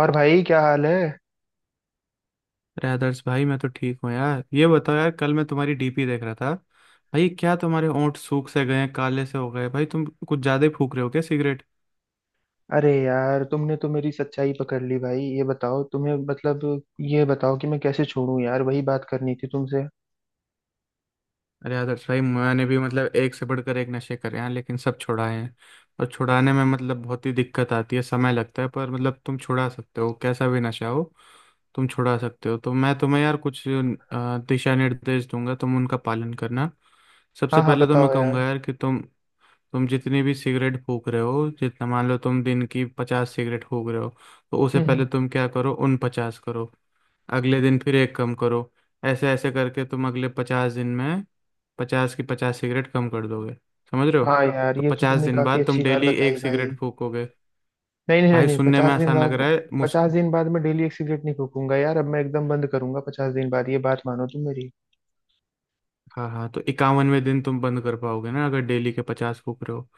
और भाई क्या हाल है। अरे आदर्श भाई, मैं तो ठीक हूँ यार। ये बताओ यार, कल मैं तुम्हारी डीपी देख रहा था। भाई क्या तुम्हारे होंठ सूख से गए हैं? काले से हो गए। भाई तुम कुछ ज्यादा ही फूक रहे हो क्या सिगरेट? अरे यार तुमने तो मेरी सच्चाई पकड़ ली भाई। ये बताओ तुम्हें मतलब ये बताओ कि मैं कैसे छोड़ूं यार। वही बात करनी थी तुमसे। अरे यार सही, मैंने भी मतलब एक से बढ़कर एक नशे करे हैं लेकिन सब छुड़ाए हैं। और छुड़ाने में मतलब बहुत ही दिक्कत आती है, समय लगता है, पर मतलब तुम छुड़ा सकते हो, कैसा भी नशा हो तुम छुड़ा सकते हो। तो मैं तुम्हें यार कुछ दिशा निर्देश दूंगा, तुम उनका पालन करना। हाँ सबसे हाँ पहले तो मैं बताओ कहूंगा यार। यार कि तुम जितनी भी सिगरेट फूक रहे हो, जितना मान लो तुम दिन की 50 सिगरेट फूक रहे हो, तो उसे हम्म पहले हम्म। तुम क्या करो, उन 50 करो। अगले दिन फिर एक कम करो। ऐसे ऐसे करके तुम अगले 50 दिन में 50 की 50 सिगरेट कम कर दोगे। समझ रहे हो? हाँ यार तो ये तो 50 तुमने दिन काफी बाद तुम अच्छी बात डेली बताई एक भाई। सिगरेट फूकोगे। नहीं नहीं नहीं, भाई नहीं सुनने में 50 दिन आसान लग बाद। रहा है मुस 50 दिन बाद मैं डेली एक सिगरेट नहीं फूकूंगा यार। अब मैं एकदम बंद करूंगा 50 दिन बाद। ये बात मानो तुम मेरी। हाँ हाँ, तो 51वें दिन तुम बंद कर पाओगे ना, अगर डेली के 50 फूक रहे हो।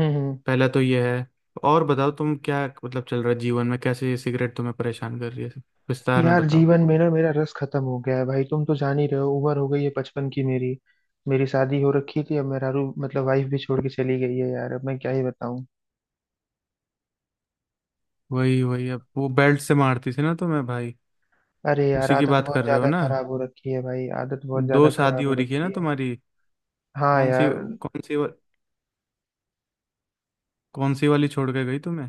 हम्म। पहला तो ये है। और बताओ तुम क्या मतलब चल रहा है जीवन में? कैसे ये सिगरेट तुम्हें परेशान कर रही है, विस्तार में यार बताओ। जीवन में ना मेरा रस खत्म हो गया है भाई। तुम तो जान ही रहे हो, उम्र हो गई है बचपन की मेरी। मेरी शादी हो रखी थी। अब मेरा रू मतलब वाइफ भी छोड़ के चली गई है यार। अब मैं क्या ही बताऊं। वही वही, अब वो बेल्ट से मारती थी ना तुम्हें भाई? अरे यार उसी की आदत बात बहुत कर रहे हो ज्यादा ना? खराब हो रखी है भाई। आदत बहुत दो ज्यादा शादी खराब हो हो रही है ना रखी है। तुम्हारी। हाँ कौन सी, यार। कौन सी, कौन सी वाली छोड़ के गई तुम्हें?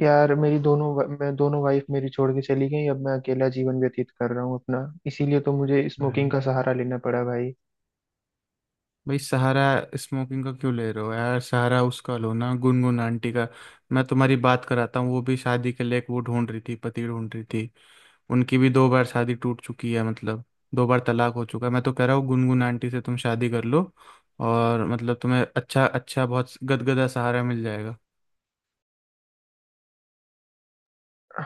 यार मैं दोनों वाइफ मेरी छोड़ के चली गई। अब मैं अकेला जीवन व्यतीत कर रहा हूँ अपना। इसीलिए तो मुझे स्मोकिंग भाई का सहारा लेना पड़ा भाई। भाई सहारा स्मोकिंग का क्यों ले रहे हो यार? सहारा उसका लो ना, गुनगुन आंटी का। मैं तुम्हारी बात कराता हूँ, वो भी शादी के लिए एक वो ढूंढ रही थी, पति ढूंढ रही थी। उनकी भी दो बार शादी टूट चुकी है, मतलब दो बार तलाक हो चुका है। मैं तो कह रहा हूँ गुनगुन आंटी से तुम शादी कर लो, और मतलब तुम्हें अच्छा अच्छा बहुत गदगदा सहारा मिल जाएगा।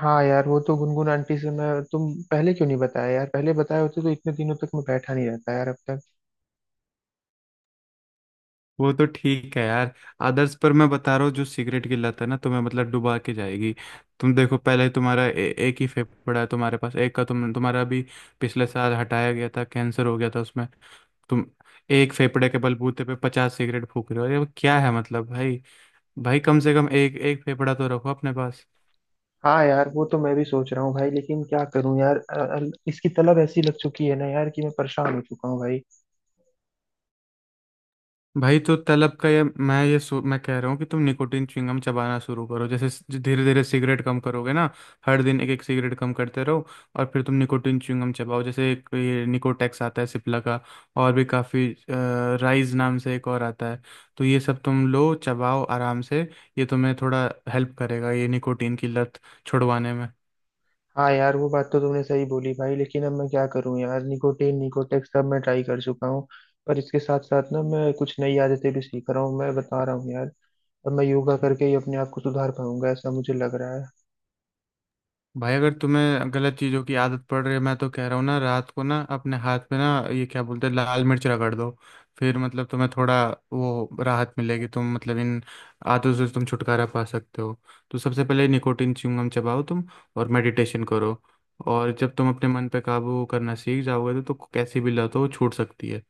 हाँ यार वो तो गुनगुन आंटी से मैं तुम पहले क्यों नहीं बताया यार। पहले बताए होते तो इतने दिनों तक मैं बैठा नहीं रहता यार अब तक। वो तो ठीक है यार आदर्श, पर मैं बता रहा हूँ जो सिगरेट की लत है ना तुम्हें, मतलब डुबा के जाएगी। तुम देखो, पहले तुम्हारा एक ही फेफड़ा है तुम्हारे पास, एक का तुम तुम्हारा अभी पिछले साल हटाया गया था, कैंसर हो गया था उसमें। तुम एक फेफड़े के बलबूते पे 50 सिगरेट फूक रहे हो, ये क्या है मतलब भाई भाई कम से कम एक एक फेफड़ा तो रखो अपने पास। हाँ यार वो तो मैं भी सोच रहा हूँ भाई। लेकिन क्या करूँ यार, इसकी तलब ऐसी लग चुकी है ना यार कि मैं परेशान हो चुका हूँ भाई। भाई तो तलब का ये मैं कह रहा हूँ कि तुम निकोटीन च्युइंगम चबाना शुरू करो। जैसे धीरे धीरे सिगरेट कम करोगे ना, हर दिन एक एक सिगरेट कम करते रहो। और फिर तुम निकोटीन च्युइंगम चबाओ। जैसे एक ये निकोटेक्स आता है सिप्ला का, और भी काफ़ी राइज नाम से एक और आता है, तो ये सब तुम लो चबाओ आराम से। ये तुम्हें थोड़ा हेल्प करेगा ये निकोटीन की लत छुड़वाने में। हाँ यार वो बात तो तुमने सही बोली भाई। लेकिन अब मैं क्या करूँ यार। निकोटीन, निकोटेक्स सब मैं ट्राई कर चुका हूँ। पर इसके साथ साथ ना मैं कुछ नई आदतें भी सीख रहा हूँ। मैं बता रहा हूँ यार, अब मैं योगा करके ही अपने आप को सुधार पाऊंगा ऐसा मुझे लग रहा है। भाई अगर तुम्हें गलत चीज़ों की आदत पड़ रही है, मैं तो कह रहा हूँ ना रात को ना अपने हाथ में ना, ये क्या बोलते हैं, लाल मिर्च रगड़ दो। फिर मतलब तुम्हें थोड़ा वो राहत मिलेगी, तुम मतलब इन आदतों से तुम छुटकारा पा सकते हो। तो सबसे पहले निकोटिन च्युइंगम चबाओ तुम, और मेडिटेशन करो। और जब तुम अपने मन पे काबू करना सीख जाओगे तो कैसी भी लत हो वो छूट सकती है।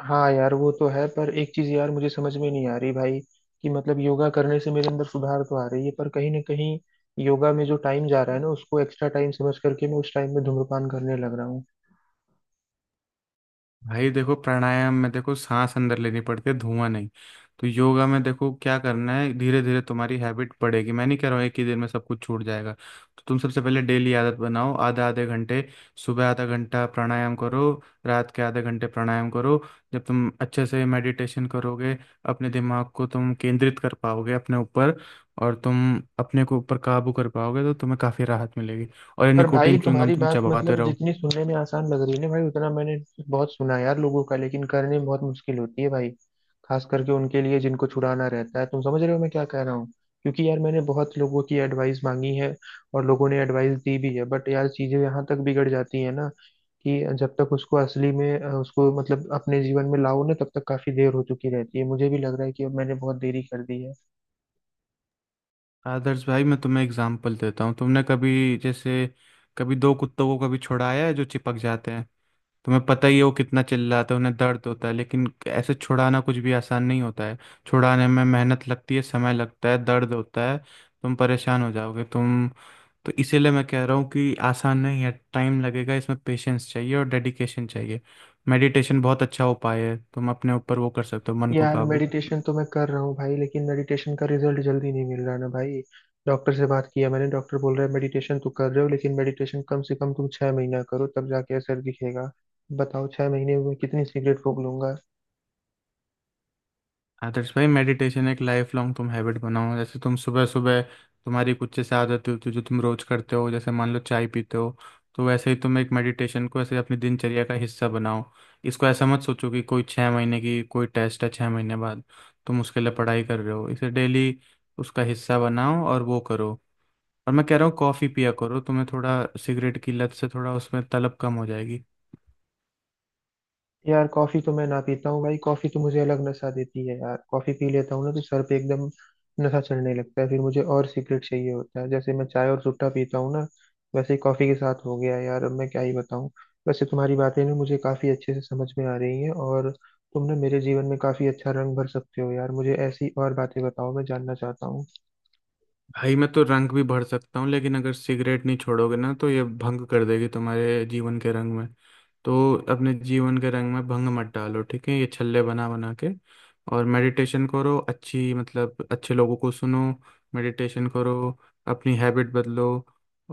हाँ यार वो तो है। पर एक चीज यार मुझे समझ में नहीं आ रही भाई, कि मतलब योगा करने से मेरे अंदर सुधार तो आ रही है, पर कहीं ना कहीं योगा में जो टाइम जा रहा है ना उसको एक्स्ट्रा टाइम समझ करके मैं उस टाइम में धूम्रपान करने लग रहा हूँ। भाई देखो, प्राणायाम में देखो सांस अंदर लेनी पड़ती है, धुआं नहीं। तो योगा में देखो क्या करना है, धीरे धीरे तुम्हारी हैबिट पड़ेगी। मैं नहीं कह रहा हूँ एक ही दिन में सब कुछ छूट जाएगा। तो तुम सबसे पहले डेली आदत बनाओ, आधा आधे घंटे। सुबह आधा घंटा प्राणायाम करो, रात के आधे घंटे प्राणायाम करो। जब तुम अच्छे से मेडिटेशन करोगे, अपने दिमाग को तुम केंद्रित कर पाओगे अपने ऊपर, और तुम अपने को ऊपर काबू कर पाओगे, तो तुम्हें काफ़ी राहत मिलेगी। और ये पर भाई निकोटिन च्युइंगम तुम्हारी तुम बात चबाते मतलब रहो। जितनी सुनने में आसान लग रही है ना भाई, उतना मैंने बहुत सुना है यार लोगों का। लेकिन करने में बहुत मुश्किल होती है भाई, खास करके उनके लिए जिनको छुड़ाना रहता है। तुम समझ रहे हो मैं क्या कह रहा हूँ। क्योंकि यार मैंने बहुत लोगों की एडवाइस मांगी है और लोगों ने एडवाइस दी भी है, बट यार चीजें यहाँ तक बिगड़ जाती है ना कि जब तक उसको असली में उसको मतलब अपने जीवन में लाओ ना, तब तक काफी देर हो चुकी रहती है। मुझे भी लग रहा है कि अब मैंने बहुत देरी कर दी है। आदर्श भाई मैं तुम्हें एग्जांपल देता हूँ। तुमने कभी जैसे, कभी दो कुत्तों को कभी छुड़ाया है जो चिपक जाते हैं? तुम्हें पता ही है वो कितना चिल्लाते हैं, उन्हें दर्द होता है। लेकिन ऐसे छुड़ाना कुछ भी आसान नहीं होता है। छुड़ाने में मेहनत लगती है, समय लगता है, दर्द होता है, तुम परेशान हो जाओगे तुम। तो इसीलिए मैं कह रहा हूँ कि आसान नहीं है, टाइम लगेगा, इसमें पेशेंस चाहिए और डेडिकेशन चाहिए। मेडिटेशन बहुत अच्छा उपाय है, तुम अपने ऊपर वो कर सकते हो, मन को यार काबू। मेडिटेशन तो मैं कर रहा हूँ भाई, लेकिन मेडिटेशन का रिजल्ट जल्दी नहीं मिल रहा ना भाई। डॉक्टर से बात किया मैंने, डॉक्टर बोल रहा है मेडिटेशन तो कर रहे हो लेकिन मेडिटेशन कम से कम तुम 6 महीना करो तब जाके असर दिखेगा। बताओ 6 महीने में कितनी सिगरेट फूक लूंगा। आदर्श भाई, मेडिटेशन एक लाइफ लॉन्ग तुम हैबिट बनाओ। जैसे तुम सुबह सुबह तुम्हारी कुछ जैसे आदत होती है जो तुम रोज करते हो, जैसे मान लो चाय पीते हो, तो वैसे ही तुम एक मेडिटेशन को ऐसे अपनी दिनचर्या का हिस्सा बनाओ। इसको ऐसा मत सोचो कि कोई छः महीने की कोई टेस्ट है, 6 महीने बाद तुम उसके लिए पढ़ाई कर रहे हो। इसे डेली उसका हिस्सा बनाओ और वो करो। और मैं कह रहा हूँ कॉफ़ी पिया करो, तुम्हें थोड़ा सिगरेट की लत से थोड़ा उसमें तलब कम हो जाएगी। यार कॉफी तो मैं ना पीता हूँ भाई। कॉफी तो मुझे अलग नशा देती है यार। कॉफी पी लेता हूँ ना तो सर पे एकदम नशा चढ़ने लगता है, फिर मुझे और सिगरेट चाहिए होता है। जैसे मैं चाय और सुट्टा पीता हूँ ना, वैसे ही कॉफी के साथ हो गया यार। अब मैं क्या ही बताऊँ। वैसे तुम्हारी बातें ना मुझे काफी अच्छे से समझ में आ रही हैं, और तुम ना मेरे जीवन में काफी अच्छा रंग भर सकते हो यार। मुझे ऐसी और बातें बताओ, मैं जानना चाहता हूँ। भाई मैं तो रंग भी भर सकता हूँ, लेकिन अगर सिगरेट नहीं छोड़ोगे ना, तो ये भंग कर देगी तुम्हारे जीवन के रंग में। तो अपने जीवन के रंग में भंग मत डालो, ठीक है? ये छल्ले बना बना के। और मेडिटेशन करो, अच्छी मतलब अच्छे लोगों को सुनो, मेडिटेशन करो, अपनी हैबिट बदलो,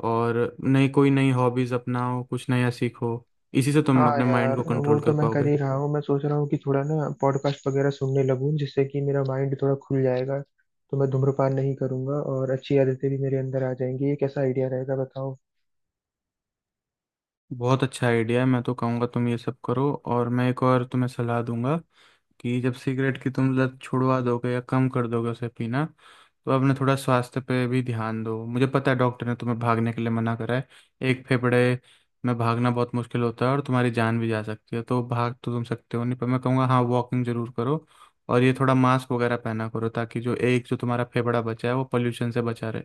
और नई कोई नई हॉबीज अपनाओ, कुछ नया सीखो। इसी से हाँ तुम अपने माइंड यार को वो कंट्रोल तो कर मैं कर पाओगे। ही रहा हूँ। मैं सोच रहा हूँ कि थोड़ा ना पॉडकास्ट वगैरह सुनने लगूं, जिससे कि मेरा माइंड थोड़ा खुल जाएगा। तो मैं धूम्रपान नहीं करूंगा और अच्छी आदतें भी मेरे अंदर आ जाएंगी। ये कैसा आइडिया रहेगा बताओ। बहुत अच्छा आइडिया है। मैं तो कहूँगा तुम ये सब करो, और मैं एक और तुम्हें सलाह दूंगा कि जब सिगरेट की तुम लत छुड़वा दोगे या कम कर दोगे उसे पीना, तो अपने थोड़ा स्वास्थ्य पे भी ध्यान दो। मुझे पता है डॉक्टर ने तुम्हें भागने के लिए मना करा है, एक फेफड़े में भागना बहुत मुश्किल होता है और तुम्हारी जान भी जा सकती है। तो भाग तो तुम सकते हो नहीं, पर मैं कहूँगा हाँ वॉकिंग जरूर करो। और ये थोड़ा मास्क वगैरह पहना करो ताकि जो एक जो तुम्हारा फेफड़ा बचा है वो पोल्यूशन से बचा रहे।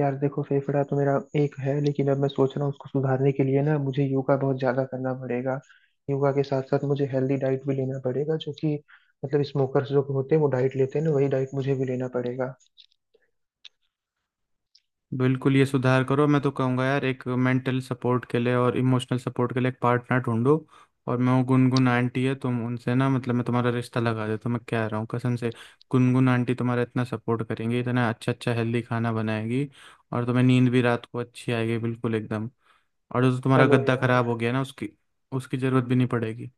यार देखो, फेफड़ा तो मेरा एक है, लेकिन अब मैं सोच रहा हूँ उसको सुधारने के लिए ना मुझे योगा बहुत ज्यादा करना पड़ेगा। योगा के साथ साथ मुझे हेल्दी डाइट भी लेना पड़ेगा, जो कि मतलब स्मोकर्स जो होते हैं वो डाइट लेते हैं ना, वही डाइट मुझे भी लेना पड़ेगा। बिल्कुल, ये सुधार करो। मैं तो कहूँगा यार, एक मेंटल सपोर्ट के लिए और इमोशनल सपोर्ट के लिए एक पार्टनर ढूंढो। और मैं, वो गुनगुन आंटी है, तुम उनसे ना मतलब मैं तुम्हारा रिश्ता लगा देता हूँ, मैं कह रहा हूँ कसम से। गुनगुन आंटी तुम्हारा इतना सपोर्ट करेंगी, इतना अच्छा अच्छा हेल्दी खाना बनाएगी, और तुम्हें नींद भी रात को अच्छी आएगी, बिल्कुल एकदम। और जो तुम्हारा चलो गद्दा यार। खराब हो गया ना, उसकी उसकी जरूरत भी नहीं पड़ेगी।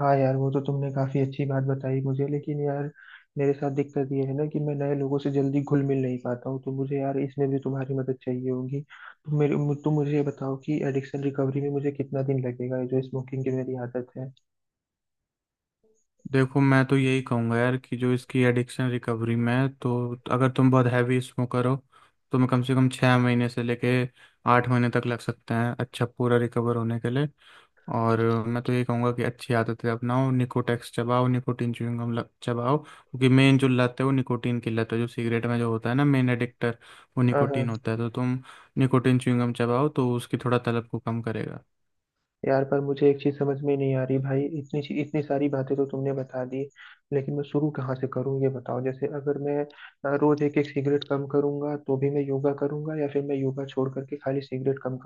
हाँ यार वो तो तुमने काफी अच्छी बात बताई मुझे, लेकिन यार मेरे साथ दिक्कत ये है ना कि मैं नए लोगों से जल्दी घुल मिल नहीं पाता हूँ। तो मुझे यार इसमें भी तुम्हारी मदद चाहिए होगी। तुम तुम मुझे ये बताओ कि एडिक्शन रिकवरी में मुझे कितना दिन लगेगा, ये जो स्मोकिंग की मेरी आदत है। देखो मैं तो यही कहूँगा यार कि जो इसकी एडिक्शन रिकवरी में है, तो अगर तुम बहुत हैवी स्मोकर हो, तो मैं कम से कम 6 महीने से लेके 8 महीने तक लग सकते हैं अच्छा पूरा रिकवर होने के लिए। और मैं तो यही कहूँगा कि अच्छी आदतें अपनाओ, निकोटेक्स चबाओ, निकोटीन च्युइंग गम चबाओ। क्योंकि मेन जो लत है वो निकोटीन की लत है, जो सिगरेट में जो होता है ना मेन एडिक्टर वो हाँ निकोटीन हाँ। होता है। तो तुम निकोटीन च्युइंग गम चबाओ तो उसकी थोड़ा तलब को कम करेगा। यार पर मुझे एक चीज समझ में नहीं आ रही भाई, इतनी सारी बातें तो तुमने बता दी लेकिन मैं शुरू कहाँ से करूँ ये बताओ। जैसे अगर मैं, रोज एक एक सिगरेट कम करूंगा, तो भी मैं योगा करूंगा या फिर मैं योगा छोड़ करके खाली सिगरेट कम।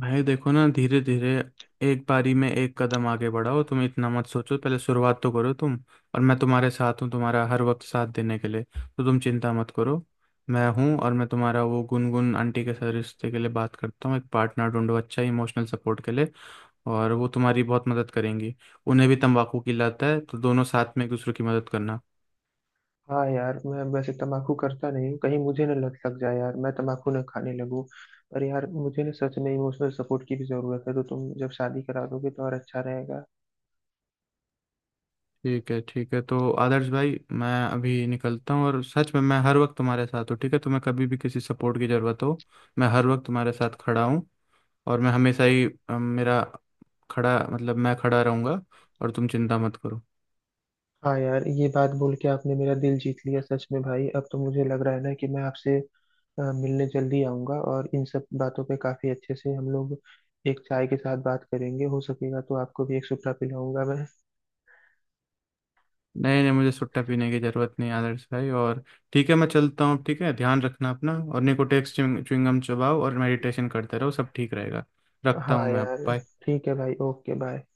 भाई देखो ना, धीरे धीरे एक बारी में एक कदम आगे बढ़ाओ। तुम इतना मत सोचो, पहले शुरुआत तो करो तुम। और मैं तुम्हारे साथ हूँ तुम्हारा हर वक्त साथ देने के लिए, तो तुम चिंता मत करो, मैं हूँ। और मैं तुम्हारा वो गुनगुन आंटी के साथ रिश्ते के लिए बात करता हूँ, एक पार्टनर ढूंढो अच्छा इमोशनल सपोर्ट के लिए, और वो तुम्हारी बहुत मदद करेंगी। उन्हें भी तंबाकू की लत है, तो दोनों साथ में एक दूसरे की मदद करना। हाँ यार मैं वैसे तमाकू करता नहीं हूँ, कहीं मुझे ना लत लग जाए यार, मैं तमाकू ना खाने लगूँ। पर यार मुझे ना सच में इमोशनल सपोर्ट की भी जरूरत है, तो तुम जब शादी करा दोगे तो और अच्छा रहेगा। ठीक है ठीक है, तो आदर्श भाई मैं अभी निकलता हूँ। और सच में मैं हर वक्त तुम्हारे साथ हूँ, ठीक है? तुम्हें कभी भी किसी सपोर्ट की ज़रूरत हो, मैं हर वक्त तुम्हारे साथ खड़ा हूँ। और मैं हमेशा ही मेरा खड़ा मतलब मैं खड़ा रहूँगा। और तुम चिंता मत करो। हाँ यार ये बात बोल के आपने मेरा दिल जीत लिया सच में भाई। अब तो मुझे लग रहा है ना कि मैं आपसे मिलने जल्दी आऊंगा, और इन सब बातों पे काफी अच्छे से हम लोग एक चाय के साथ बात करेंगे। हो सकेगा तो आपको भी एक सुपड़ा पिलाऊंगा मैं। नहीं नहीं, मुझे सुट्टा पीने की ज़रूरत नहीं आदर्श भाई। और ठीक है, मैं चलता हूँ, ठीक है? ध्यान रखना अपना, और निकोटेक्स च्युइंगम चबाओ और मेडिटेशन करते रहो, सब ठीक रहेगा। रखता हूँ हाँ मैं अब। यार। Bye। ठीक है भाई, ओके बाय।